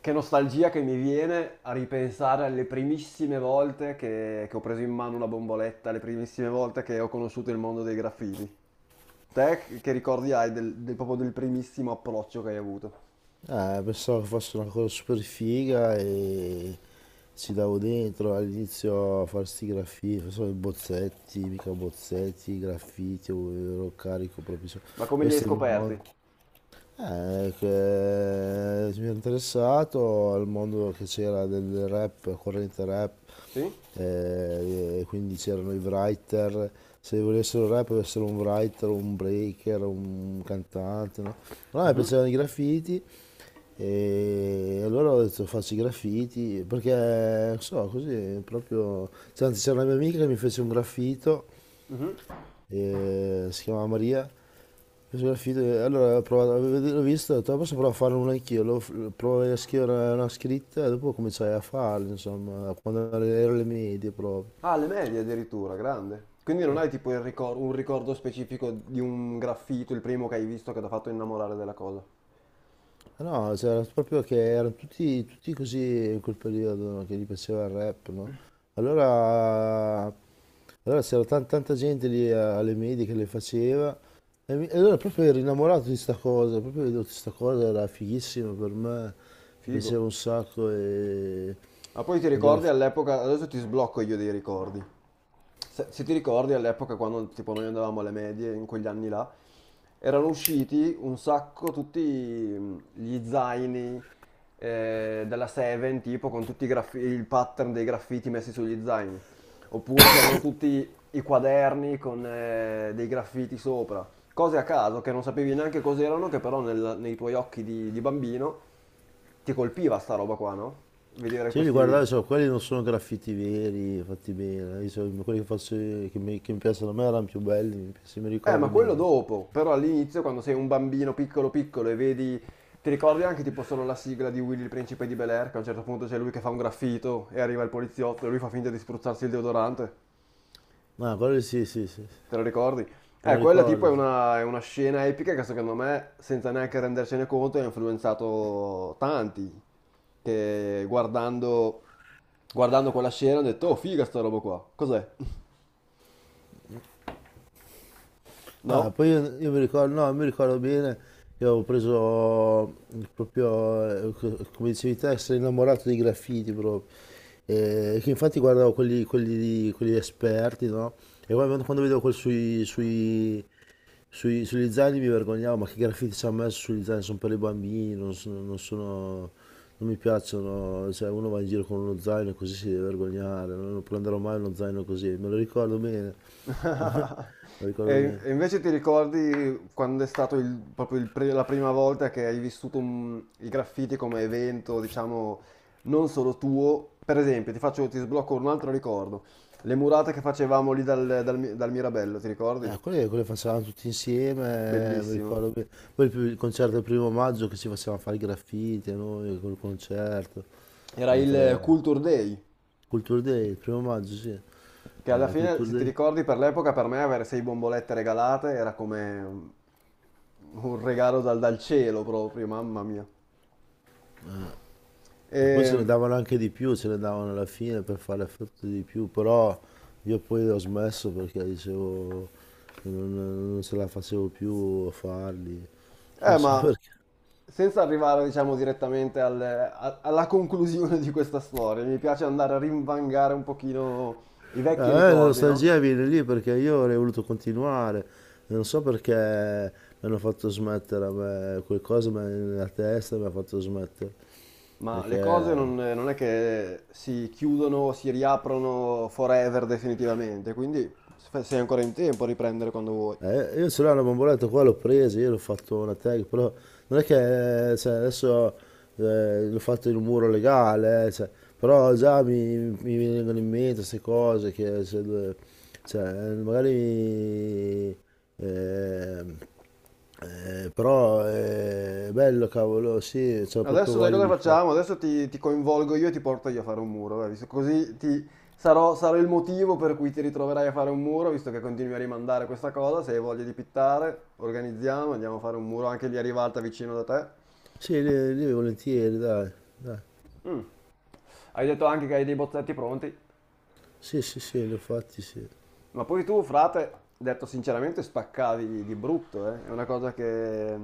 Che nostalgia che mi viene a ripensare alle primissime volte che ho preso in mano una bomboletta, le primissime volte che ho conosciuto il mondo dei graffiti. Te che ricordi hai del, del- proprio del primissimo approccio che hai avuto? Pensavo che fosse una cosa super figa e ci davo dentro all'inizio a fare sti graffiti, facevo i bozzetti, mica bozzetti, i graffiti, ero carico proprio. Ma come li hai Questo è il mio modo. scoperti? Che mi ero interessato al mondo che c'era del rap, corrente rap, Sì? E quindi c'erano i writer, se volessero rap doveva essere un writer, un breaker, un cantante, no? Allora mi Mhm. piacevano i graffiti e allora ho detto faccio i graffiti, perché non so, così proprio... cioè, anzi, c'era una mia amica che mi fece un graffito, Mhm. Si chiamava Maria, Allora ho provato, l'ho visto, ho detto, "Ah, posso provare a farlo uno anch'io, lo, provo a scrivere una scritta e dopo cominciai a farlo, insomma, quando ero alle medie proprio. Ah, alle medie addirittura, grande. Quindi non Cioè, hai tipo un ricordo specifico di un graffito, il primo che hai visto che ti ha fatto innamorare della cosa. no, c'era proprio che erano tutti così in quel periodo, no, che gli piaceva il rap, no? Allora, allora c'era tanta gente lì alle medie che le faceva e, e allora proprio ero innamorato di sta cosa, proprio vedevo che sta cosa era fighissima per me, mi Figo. piaceva un sacco Ma poi ti e alla ricordi all'epoca, adesso ti sblocco io dei ricordi. Se ti ricordi all'epoca quando tipo noi andavamo alle medie, in quegli anni là, erano usciti un sacco tutti gli zaini della Seven, tipo con tutti il pattern dei graffiti messi sugli zaini. Oppure c'erano tutti i quaderni con dei graffiti sopra. Cose a caso che non sapevi neanche cos'erano, che però nei tuoi occhi di bambino ti colpiva sta roba qua, no? Vedere Se io li guardavo, questi. so, quelli non sono graffiti veri, fatti bene. Io so, quelli che, faccio io, che mi piacciono a me erano più belli, se mi Ma ricordo quello bene. dopo, però all'inizio quando sei un bambino piccolo piccolo e vedi, ti ricordi anche tipo solo la sigla di Willy il principe di Bel-Air, che a un certo punto c'è lui che fa un graffito e arriva il poliziotto e lui fa finta di spruzzarsi il deodorante, Ma quelli sì, sì, sì, sì. te lo ricordi? Me lo Quella tipo è ricordo, sì. una, è una scena epica che secondo me, senza neanche rendercene conto, ha influenzato tanti, che guardando quella scena hanno detto, "Oh figa sta roba qua, cos'è?" Ah, No? poi io mi ricordo, no, mi ricordo bene che avevo preso proprio, come dicevi te, essere innamorato dei graffiti proprio. E che infatti guardavo quelli esperti, no? E poi quando vedevo quel sugli zaini mi vergognavo, ma che graffiti ci hanno messo sugli zaini? Sono per i bambini, non sono, non mi piacciono, cioè uno va in giro con uno zaino così si deve vergognare, no? Non prenderò mai uno zaino così, me lo ricordo bene, me lo ricordo E bene. e invece ti ricordi quando è stato la prima volta che hai vissuto i graffiti come evento, diciamo, non solo tuo? Per esempio, ti faccio, ti sblocco un altro ricordo. Le murate che facevamo lì dal Mirabello, ti ricordi? Quelle, quelle facevamo tutti insieme, mi Bellissimo. ricordo bene. Poi il concerto del primo maggio che ci facevamo fare i graffiti, noi col concerto. Era Eh, il tra- Culture Day, Culture Day, il primo maggio, sì. che alla fine, Culture se ti Day. ricordi, per l'epoca per me avere 6 bombolette regalate era come un regalo dal cielo proprio, mamma mia. E, E poi se ne davano anche di più, se ne davano alla fine per fare effetto di più, però io poi ho smesso perché dicevo che non ce la facevo più a farli. Non so. ma senza arrivare, diciamo, direttamente alla conclusione di questa storia, mi piace andare a rinvangare un pochino i Eh, vecchi la ricordi, no? nostalgia viene lì perché io avrei voluto continuare, non so perché mi hanno fatto smettere, a me, qualcosa nella testa mi ha fatto smettere, Ma le cose non, perché non è che si chiudono o si riaprono forever definitivamente, quindi sei ancora in tempo a riprendere quando vuoi. Io ce l'ho una bomboletta qua, l'ho presa, io l'ho fatto una tag, però non è che cioè, adesso l'ho fatto in un muro legale, cioè, però già mi vengono in mente queste cose che cioè, cioè, magari mi- ehm, però è bello cavolo, sì, c'ho proprio Adesso sai voglia cosa di fare. facciamo? Adesso ti coinvolgo io e ti porto io a fare un muro, vai, sarò il motivo per cui ti ritroverai a fare un muro, visto che continui a rimandare questa cosa, se hai voglia di pittare, organizziamo, andiamo a fare un muro anche lì a Rivalta vicino da te. Sì, lì, lì volentieri, dai, dai. Mm. Hai detto anche che hai dei bozzetti pronti? Sì, sì, sì, li ho fatti, sì. Ma poi tu, frate, detto sinceramente, spaccavi di brutto, eh. È una cosa che,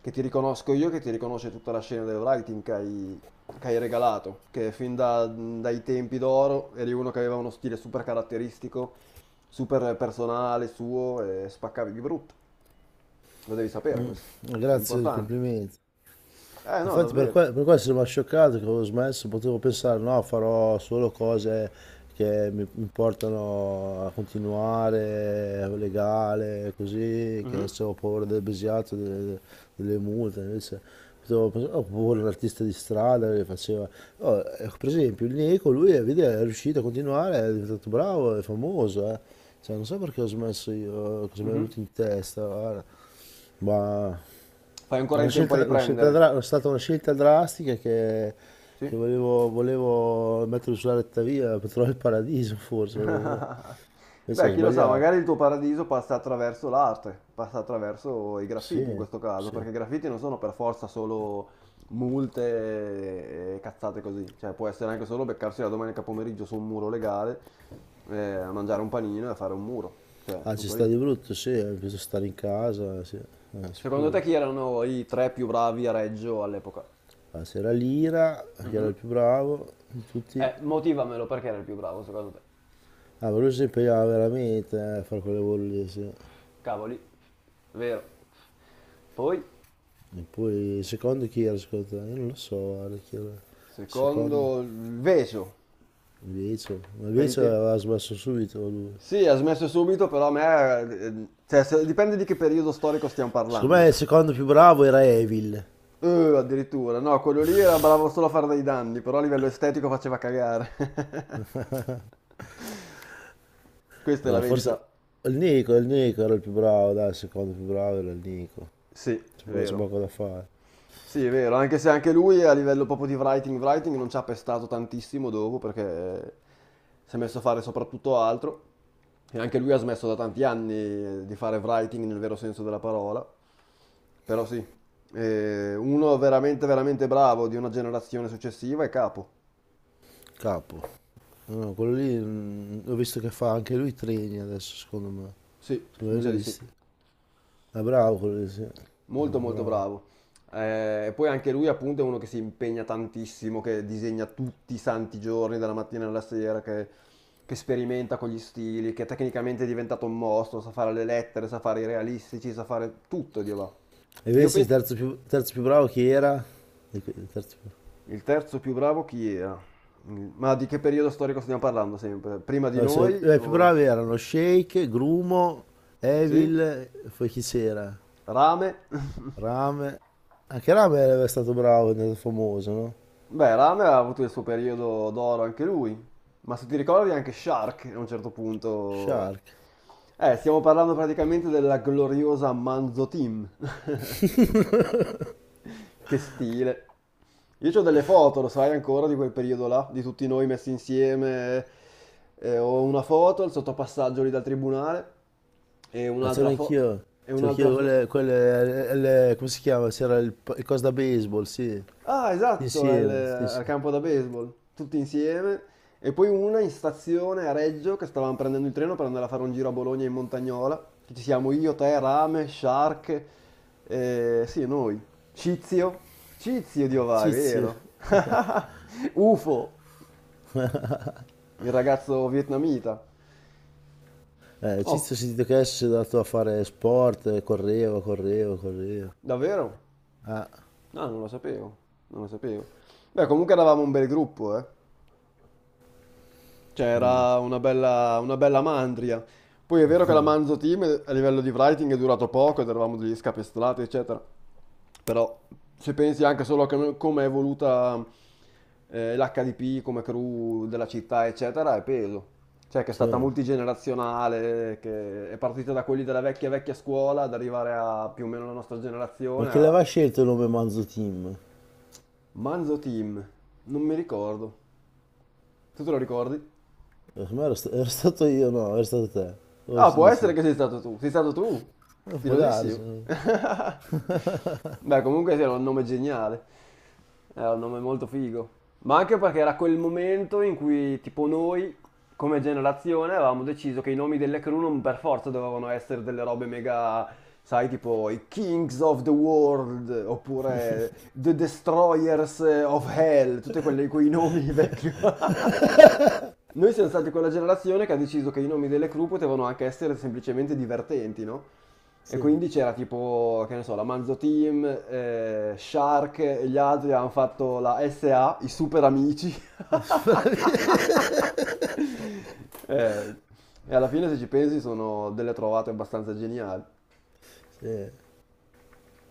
che ti riconosco io, che ti riconosce tutta la scena del writing che hai regalato, che dai tempi d'oro eri uno che aveva uno stile super caratteristico, super personale suo e spaccavi di brutto. Lo devi sapere Mm. questo, è Grazie del importante. complimento. Eh no, Infatti per, davvero. Per questo sono scioccato che avevo smesso, potevo pensare no, farò solo cose che mi portano a continuare, legale, così, che Mhm. adesso ho paura del besiato, delle, delle multe, invece potevo pensare, ho paura di un artista di strada che faceva, oh, ecco, per esempio il Nico, lui vedi, è riuscito a continuare, è diventato bravo, è famoso, eh. Cioè, non so perché ho smesso io, cosa mi è Mhm. venuto in testa, guarda. Ma... Fai ancora La in tempo a scelta, riprendere. È stata una scelta drastica Sì. che volevo, volevo mettere sulla retta via per trovare il paradiso, forse, non lo so. Invece Beh, ho chi lo sa, sbagliato. magari il tuo paradiso passa attraverso l'arte, passa attraverso i Sì, graffiti in questo caso, sì. perché i graffiti non sono per forza solo multe e cazzate così, cioè può essere anche solo beccarsi la domenica pomeriggio su un muro legale, a mangiare un panino e a fare un muro, cioè Ah, ci tutto sta lì. di brutto, sì, ho bisogno stare in casa, sì, Secondo te sicuro. chi erano i tre più bravi a Reggio all'epoca? Ah, c'era Lira, che era Mhm. il più bravo di tutti. Motivamelo perché era il più bravo secondo te. Ah, ma lui si impegnava veramente a fare quelle bolle, sì. Cavoli, vero. Poi? E poi il secondo chi era secondo te? Io non lo so, guarda, chi era il secondo. Secondo il Veso. Invece, ma Per i invece te- aveva smesso subito lui. Sì, ha smesso subito, però a me... cioè, dipende di che periodo storico stiamo Secondo me il parlando. secondo più bravo era Evil. Eh, Addirittura. No, quello lì era bravo solo a fare dei danni, però a livello estetico faceva cagare. Questa è la No, forse... verità. Il Nico era il più bravo, dai, il secondo più bravo era il Nico. Sì, è C'è vero. poco da fare. Sì, è vero, anche se anche lui a livello proprio di writing non ci ha pestato tantissimo dopo perché si è messo a fare soprattutto altro e anche lui ha smesso da tanti anni di fare writing nel vero senso della parola, però sì, uno veramente veramente bravo di una generazione successiva è Capo, Capo. No, quello lì, mm, ho visto che fa anche lui treni adesso, secondo me. sì, Secondo mi me sa l'hai di sì. visti. Ah, bravo quello lì, sì. Ah, Molto molto bravo. bravo. Poi anche lui appunto è uno che si impegna tantissimo, che disegna tutti i santi giorni, dalla mattina alla sera, che sperimenta con gli stili, che tecnicamente è diventato un mostro, sa fare le lettere, sa fare i realistici, sa fare tutto, Dio va. E Io invece penso... terzo più bravo chi era? Il que- il terzo più- Il terzo più bravo chi era? Ma di che periodo storico stiamo parlando sempre? Prima di No, noi i più o... bravi erano Shake, Grumo, Sì? Evil, poi chi c'era? Rame? Rame. Anche Rame era stato bravo, è stato famoso, no? Beh, Rame ha avuto il suo periodo d'oro anche lui, ma se ti ricordi anche Shark a un certo punto... Shark. Stiamo parlando praticamente della gloriosa Manzo Team. Che stile. Io ho delle foto, lo sai ancora, di quel periodo là, di tutti noi messi insieme. Ho una foto, il sottopassaggio lì dal tribunale, e Ah, c'ero un'altra foto, anch'io. e C'ero un'altra anch'io foto... quelle, come si chiama? C'era il coso da baseball, sì. Ah, Sì, esatto, sì, al, sì, sì. al campo da baseball, tutti insieme. E poi una in stazione a Reggio che stavamo prendendo il treno per andare a fare un giro a Bologna in Montagnola. Che ci siamo io, te, Rame, Shark, sì, noi. Cizio. Cizio di Ovà, è Cizio. vero. UFO, il ragazzo vietnamita. Oh, Cizio ho sentito che adesso si è andato a fare sport, correva, correva, correva. davvero? Ah, No, non lo sapevo, non lo sapevo. Beh, comunque eravamo un bel gruppo, eh. Cioè, era una bella mandria. Poi è vero che la Manzo Team a livello di writing è durato poco ed eravamo degli scapestrati, eccetera. Però se pensi anche solo a come è evoluta l'HDP come crew della città, eccetera, è peso. Cioè che è stata sì. multigenerazionale, che è partita da quelli della vecchia vecchia scuola ad arrivare a più o meno la nostra Ma generazione. chi l'aveva scelto il nome Manzo Team? Manzo Team, non mi ricordo. Tu te lo ricordi? Secondo me ero, ero stato io, no, ero stato te. O Ah, ci può essere dici? che sei stato tu. Sei stato tu. Può Stilosissimo. darsi, no? Beh, comunque sì, era un nome geniale. Era un nome molto figo. Ma anche perché era quel momento in cui, tipo, noi, come generazione, avevamo deciso che i nomi delle crew non per forza dovevano essere delle robe mega, sai, tipo i Kings of the World, oppure The Destroyers of Hell, tutti quelli, quei nomi vecchi. Noi siamo stati quella generazione che ha deciso che i nomi delle crew potevano anche essere semplicemente divertenti, no? E Sì, quindi c'era tipo, che ne so, la Manzo Team, Shark e gli altri hanno fatto la SA, i super amici. Eh, e alla fine, se ci pensi, sono delle trovate abbastanza geniali. sì.